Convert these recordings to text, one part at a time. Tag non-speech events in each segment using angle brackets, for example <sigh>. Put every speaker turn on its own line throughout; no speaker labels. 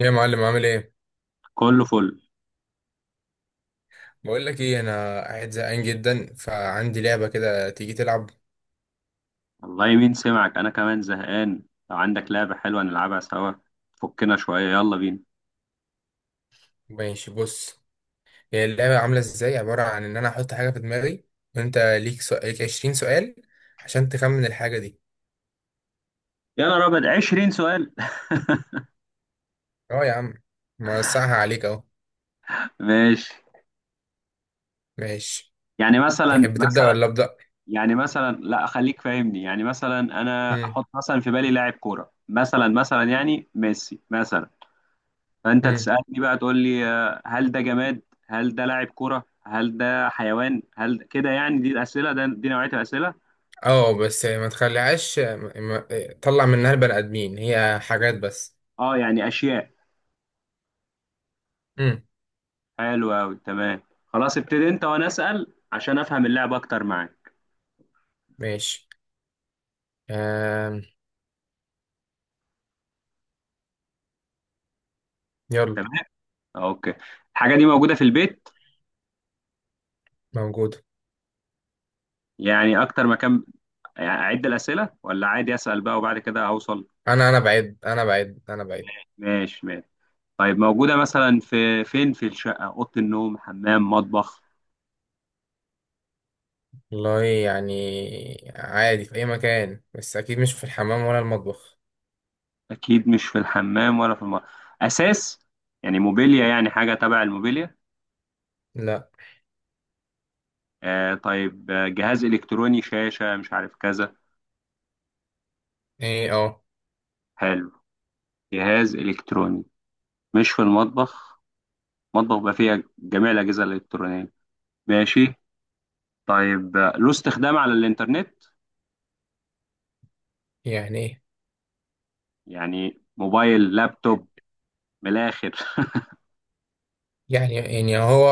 ايه يا معلم، عامل ايه؟
كله فل.
بقول لك ايه، انا قاعد زهقان جدا، فعندي لعبه كده، تيجي تلعب؟
والله مين سمعك، انا كمان زهقان. لو عندك لعبة حلوة نلعبها سوا. فكنا شوية، يلا بينا.
ماشي، بص. هي اللعبه عامله ازاي، عباره عن ان انا احط حاجه في دماغي، وانت ليك سؤال، ليك 20 سؤال عشان تخمن الحاجه دي.
يا نهار ابيض، 20 سؤال!
اه يا عم، موسعها عليك اهو.
<laughs> ماشي.
ماشي.
يعني مثلا
تحب تبدا
مثلا
ولا ابدا؟
يعني مثلا لا، خليك فاهمني. يعني مثلا انا
امم.
احط مثلا في بالي لاعب كورة، مثلا يعني ميسي مثلا. فانت
امم.
تسألني بقى، تقول لي هل ده جماد، هل ده لاعب كورة، هل ده حيوان، هل كده. يعني دي الأسئلة، ده دي نوعية الأسئلة.
اه، بس ما تخليهاش ما... ما... طلع منها البني ادمين، هي حاجات بس.
اه يعني أشياء.
امم.
حلو أوي، تمام. خلاص ابتدي أنت وأنا أسأل عشان أفهم اللعب أكتر معاك.
ماشي. آم... يلا.
تمام، أوكي. الحاجة دي موجودة في البيت؟
موجود.
يعني أكتر مكان. يعني أعد الأسئلة ولا عادي أسأل بقى وبعد كده أوصل؟
انا بعد، انا بعد، انا بعد.
ماشي ماشي. طيب موجودة مثلا في فين؟ في الشقة، أوضة النوم، حمام، مطبخ؟
والله يعني عادي، في أي مكان، بس أكيد مش في الحمام ولا المطبخ.
أكيد مش في الحمام ولا في المطبخ أساس. يعني موبيليا، يعني حاجة تبع الموبيليا؟
لا.
آه طيب، جهاز إلكتروني، شاشة، مش عارف كذا.
إيه، أه.
حلو، جهاز إلكتروني مش في المطبخ. مطبخ بيبقى فيها جميع الأجهزة الإلكترونية. ماشي. طيب له استخدام على الإنترنت؟
يعني إيه؟
يعني موبايل، لابتوب، من الآخر. <laughs>
يعني هو،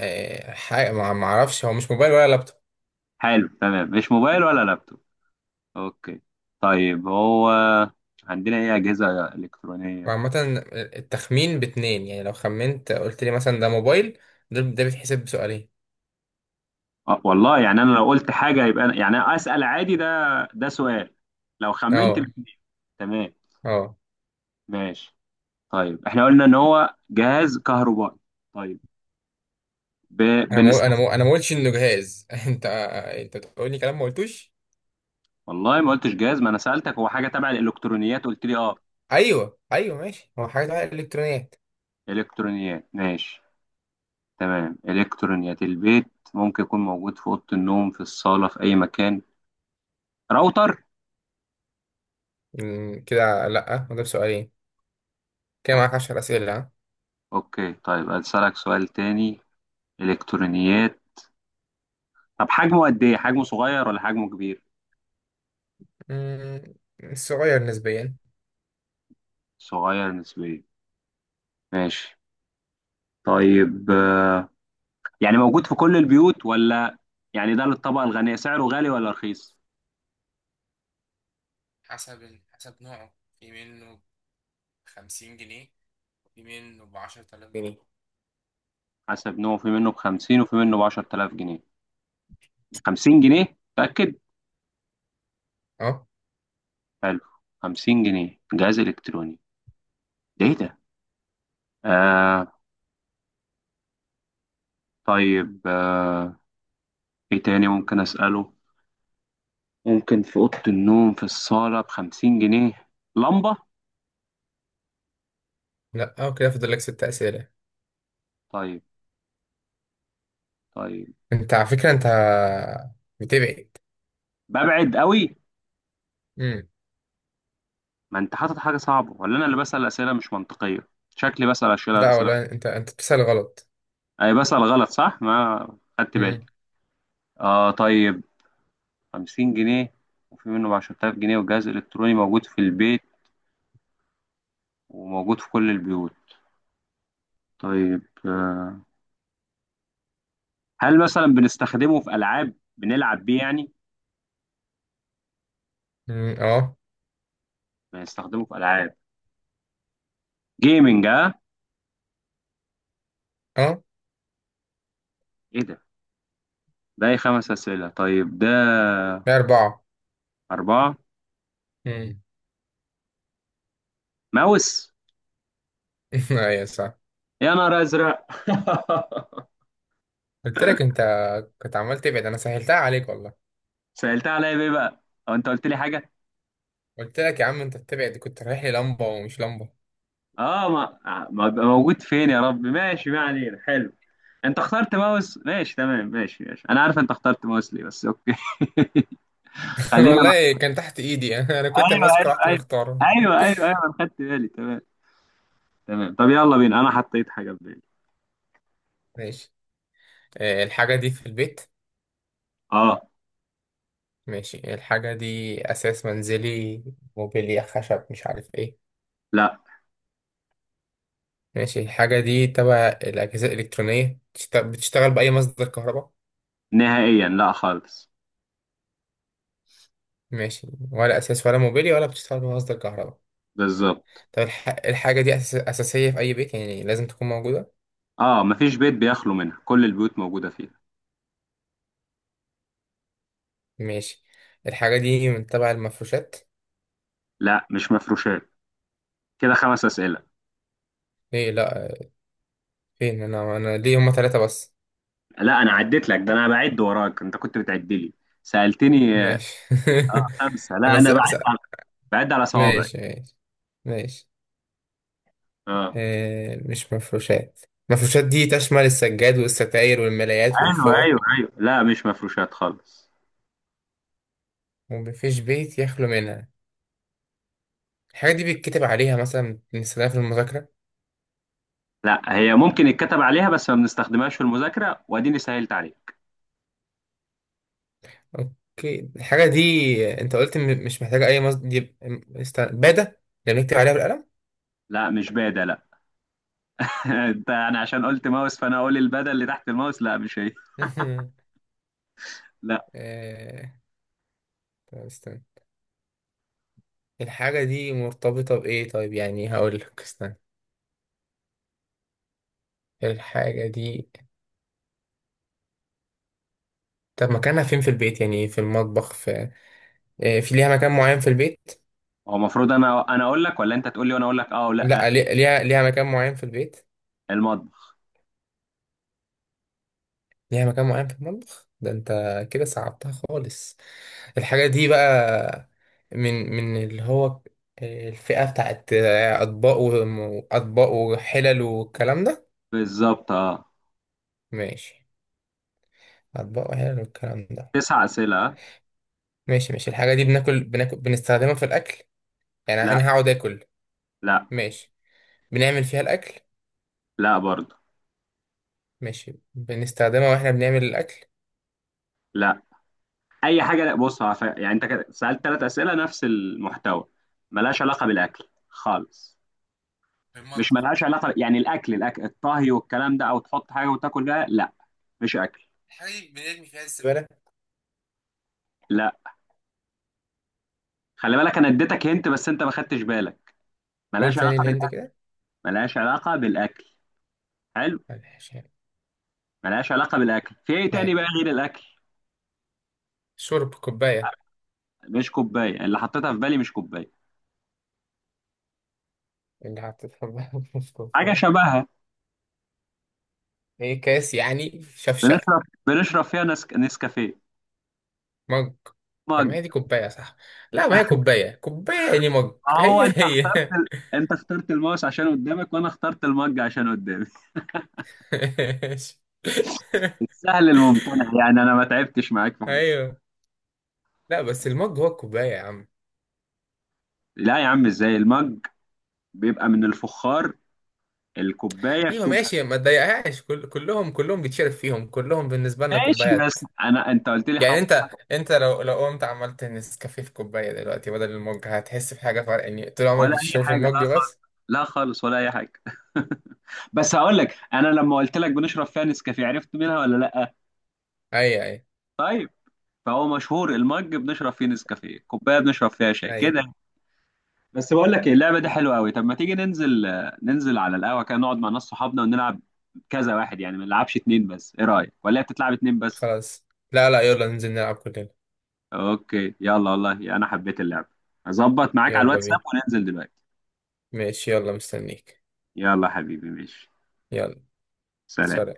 حاجة ما أعرفش، هو مش موبايل ولا لابتوب.
حلو تمام، مش موبايل ولا لابتوب. أوكي، طيب هو عندنا إيه أجهزة إلكترونية؟
وعامة، التخمين باتنين يعني، لو خمنت قلت لي مثلا ده موبايل، ده بيتحسب بسؤالين.
أه والله يعني أنا لو قلت حاجة يبقى أنا يعني أسأل عادي، ده ده سؤال لو خمنت
أه.
الاتنين. تمام.
أه.
ماشي. طيب إحنا قلنا إن هو جهاز كهربائي. طيب ب...
أنا ما أنا
بنستخدمه.
ما أنا ما قلتش إنه جهاز. <laughs> أنت بتقول لي كلام ما قلتوش.
والله ما قلتش جهاز، ما انا سألتك هو حاجة تبع الالكترونيات قلت لي اه.
أيوه، أيوه، ماشي، هو حاجة إلكترونيات.
الكترونيات ماشي. تمام، الكترونيات البيت. ممكن يكون موجود في اوضة النوم، في الصالة، في اي مكان. راوتر؟
مم، كده لأ، وده بسؤالين. كده معاك
اوكي
10 أسئلة، ها.
اوكي، طيب اسألك سؤال تاني. الكترونيات. طب حجمه قد ايه؟ حجمه صغير ولا حجمه كبير؟
مم، صغير نسبيا.
صغير نسبيا، ماشي. طيب يعني موجود في كل البيوت ولا يعني ده للطبقة الغنية؟ سعره غالي ولا رخيص؟
حسب نوعه. في منه ب50 جنيه، في منه ب10,000 جنيه.
حسب نوعه، في منه ب50 وفي منه ب10000 جنيه. 50 جنيه متأكد.
اه.
حلو، 50 جنيه جهاز إلكتروني، ده إيه ده؟ آه طيب آه إيه تاني ممكن أسأله؟ ممكن في أوضة النوم، في الصالة، ب50 جنيه. لمبة؟
لا، اه، كده فاضل لك ست اسئله.
طيب طيب.
انت على فكره، انت بتبعد.
ببعد قوي.
امم.
ما أنت حاطط حاجة صعبة ولا أنا اللي بسأل أسئلة مش منطقية؟ شكلي بسأل أسئلة
لا
أسئلة
والله، انت بتسال غلط.
أي بسأل غلط صح؟ ما خدت بالي.
امم.
طيب 50 جنيه، وفي منه ب10000 جنيه، وجهاز إلكتروني موجود في البيت وموجود في كل البيوت. طيب هل مثلا بنستخدمه في العاب، بنلعب بيه يعني؟
اه.
بنستخدمه في العاب، جيمنج، اه.
اه.
ايه ده؟ ده 5 اسئله؟ طيب ده.
لا، اربعه.
4.
امم.
ماوس؟
<laughs> ايوه، صح.
يا نهار ازرق! <laughs>
قلت لك انت، كنت عمال تبعد، انا سهلتها عليك والله.
سالتها عليا بايه بقى؟ او انت قلت لي حاجه؟
قلت لك يا عم، انت بتبعد، كنت رايح لي لمبه ومش لمبه.
اه، ما بيبقى موجود فين؟ يا رب ماشي، ما علينا. حلو، انت اخترت ماوس. ماشي تمام، ماشي ماشي، انا عارف انت اخترت ماوس ليه بس، اوكي. <laughs>
<laughs>
خلينا مع...
والله كان تحت ايدي، <laughs> انا كنت
ايوه
ماسكه
ايوه
رحت
ايوه،
مختاره.
ايوه ايوه ايوه، انا خدت بالي. تمام. تمام، طب يلا بينا انا حطيت حاجه في بالي.
<laughs> ماشي. الحاجة دي في البيت.
اه.
ماشي، الحاجة دي أساس منزلي، موبيليا، خشب، مش عارف إيه؟
لا.
ماشي، الحاجة دي تبع الأجهزة الإلكترونية، بتشتغل بأي مصدر كهرباء؟
نهائيا لا خالص.
ماشي، ولا أساس ولا موبيليا ولا بتشتغل بمصدر كهرباء.
بالظبط.
طب الحاجة دي أساسية في أي بيت، يعني لازم تكون موجودة.
اه، مفيش بيت بيخلو منها، كل البيوت موجودة فيها.
ماشي، الحاجة دي من تبع المفروشات؟
لا مش مفروشات. كده 5 أسئلة.
إيه؟ لأ. فين؟ أنا ليه هما تلاتة بس؟
لا أنا عديت لك ده، أنا بعد وراك أنت كنت بتعد لي. سألتني
ماشي.
5.
<laughs>
لا
أنا س...
أنا بعد
س...
على، بعد على صوابعي.
ماشي ماشي. ماشي.
اه.
مش مفروشات. مفروشات دي تشمل السجاد والستاير والملايات
أيوه
والفوط،
أيوه أيوه، لا مش مفروشات خالص.
ومفيش بيت يخلو منها. الحاجة دي بيتكتب عليها، مثلا بنستخدمها في المذاكرة؟
لا هي ممكن يتكتب عليها بس ما بنستخدمهاش في المذاكرة، وأديني سهلت عليها.
اوكي، الحاجة دي، انت قلت مش محتاجة اي مصدر، دي بادة، اللي بنكتب عليها بالقلم.
لا مش بادة لا. <laughs> انا عشان قلت ماوس فانا اقول البدل اللي تحت الماوس، لا مش هي.
<laughs>
لا.
آه، طب استنى، الحاجة دي مرتبطة بإيه؟ طيب يعني هقول لك استنى. الحاجة دي، طب مكانها فين في البيت يعني، في المطبخ، في في، ليها مكان معين في البيت؟
هو المفروض انا اقول لك ولا انت تقول لي وانا اقول لك اه ولا؟
لا، ليها مكان معين في البيت.
المطبخ.
ليها مكان معين في المطبخ، ده انت كده صعبتها خالص. الحاجة دي بقى، من اللي هو الفئة بتاعت أطباق وأطباق وحلل والكلام ده.
بالظبط، اه.
ماشي، أطباق وحلل والكلام ده.
9 اسئله آه؟
ماشي، ماشي. الحاجة دي بناكل بنستخدمها في الأكل؟ يعني
لا.
أنا هقعد آكل؟
لا.
ماشي. بنعمل فيها الأكل؟
لا برضه.
ماشي، بنستخدمها وإحنا بنعمل الأكل؟
لا اي حاجه لا. بص يعني انت كده سالت 3 اسئله نفس المحتوى، ملهاش علاقه بالاكل خالص.
في
مش
المطبخ.
ملهاش علاقه، يعني الاكل الطهي والكلام ده، او تحط حاجه وتاكل بيها، لا مش اكل.
الحاجة دي بنرمي فيها الزبالة؟
لا، خلي بالك انا اديتك هنت بس انت ما خدتش بالك.
قول
ملهاش
تاني
علاقه
الهند
بالاكل.
كده.
ملهاش علاقه بالاكل. حلو.
معلش.
ملهاش علاقه بالاكل، في ايه تاني
يعني.
بقى غير الاكل؟
شرب، كوباية؟
مش كوبايه، اللي حطيتها في بالي مش كوبايه.
اللي حطيتها في <laughs>
حاجه
كوباية؟
شبهها.
ايه، كاس يعني؟ شفشق؟
بنشرب فيها نسكافيه.
مج؟ طب ما
مج.
هي دي كوباية، صح؟ لا، ما هي كوباية، كوباية يعني مج،
هو
هي
انت
هي.
اخترت انت اخترت الماوس عشان قدامك وانا اخترت المج عشان قدامي.
<laughs> ماشي.
<laughs> السهل الممتنع، يعني انا ما تعبتش معاك في حاجه.
ايوه. لا، بس المج هو الكوباية يا عم.
لا يا عم، ازاي المج بيبقى من الفخار، الكوبايه
ايوه،
بتبقى.
ماشي، ما تضايقهاش، كلهم بيتشرب فيهم، كلهم بالنسبة لنا
ماشي،
كوبايات.
بس انت قلت لي
يعني
هحط
انت
حاجه.
انت لو قمت عملت نسكافيه في كوباية دلوقتي بدل المج، هتحس بحاجة فرق يعني، طول عمرك
ولا اي
بتشربه في
حاجه،
المج
لا خالص.
بس.
لا خالص، ولا اي حاجه. <laughs> بس هقول لك، انا لما قلت لك بنشرب فيها نسكافيه عرفت منها ولا لا؟
ايوه، ايوه،
طيب. فهو مشهور المج بنشرب فيه نسكافيه، كوبايه بنشرب فيها شاي
ايوه.
كده. بس بقول لك ايه، اللعبه دي حلوه قوي. طب ما تيجي ننزل، ننزل على القهوه كده نقعد مع ناس صحابنا ونلعب كذا واحد، يعني ما نلعبش 2 بس. ايه رايك؟ ولا هي بتتلعب 2 بس؟
خلاص، لا، لا، يلا ننزل نلعب كلنا.
اوكي يلا، والله انا حبيت اللعبه. هظبط معاك على
يلا
الواتساب
بينا.
وننزل دلوقتي.
ماشي، يلا مستنيك.
يلا حبيبي، ماشي.
يلا.
سلام.
سلام.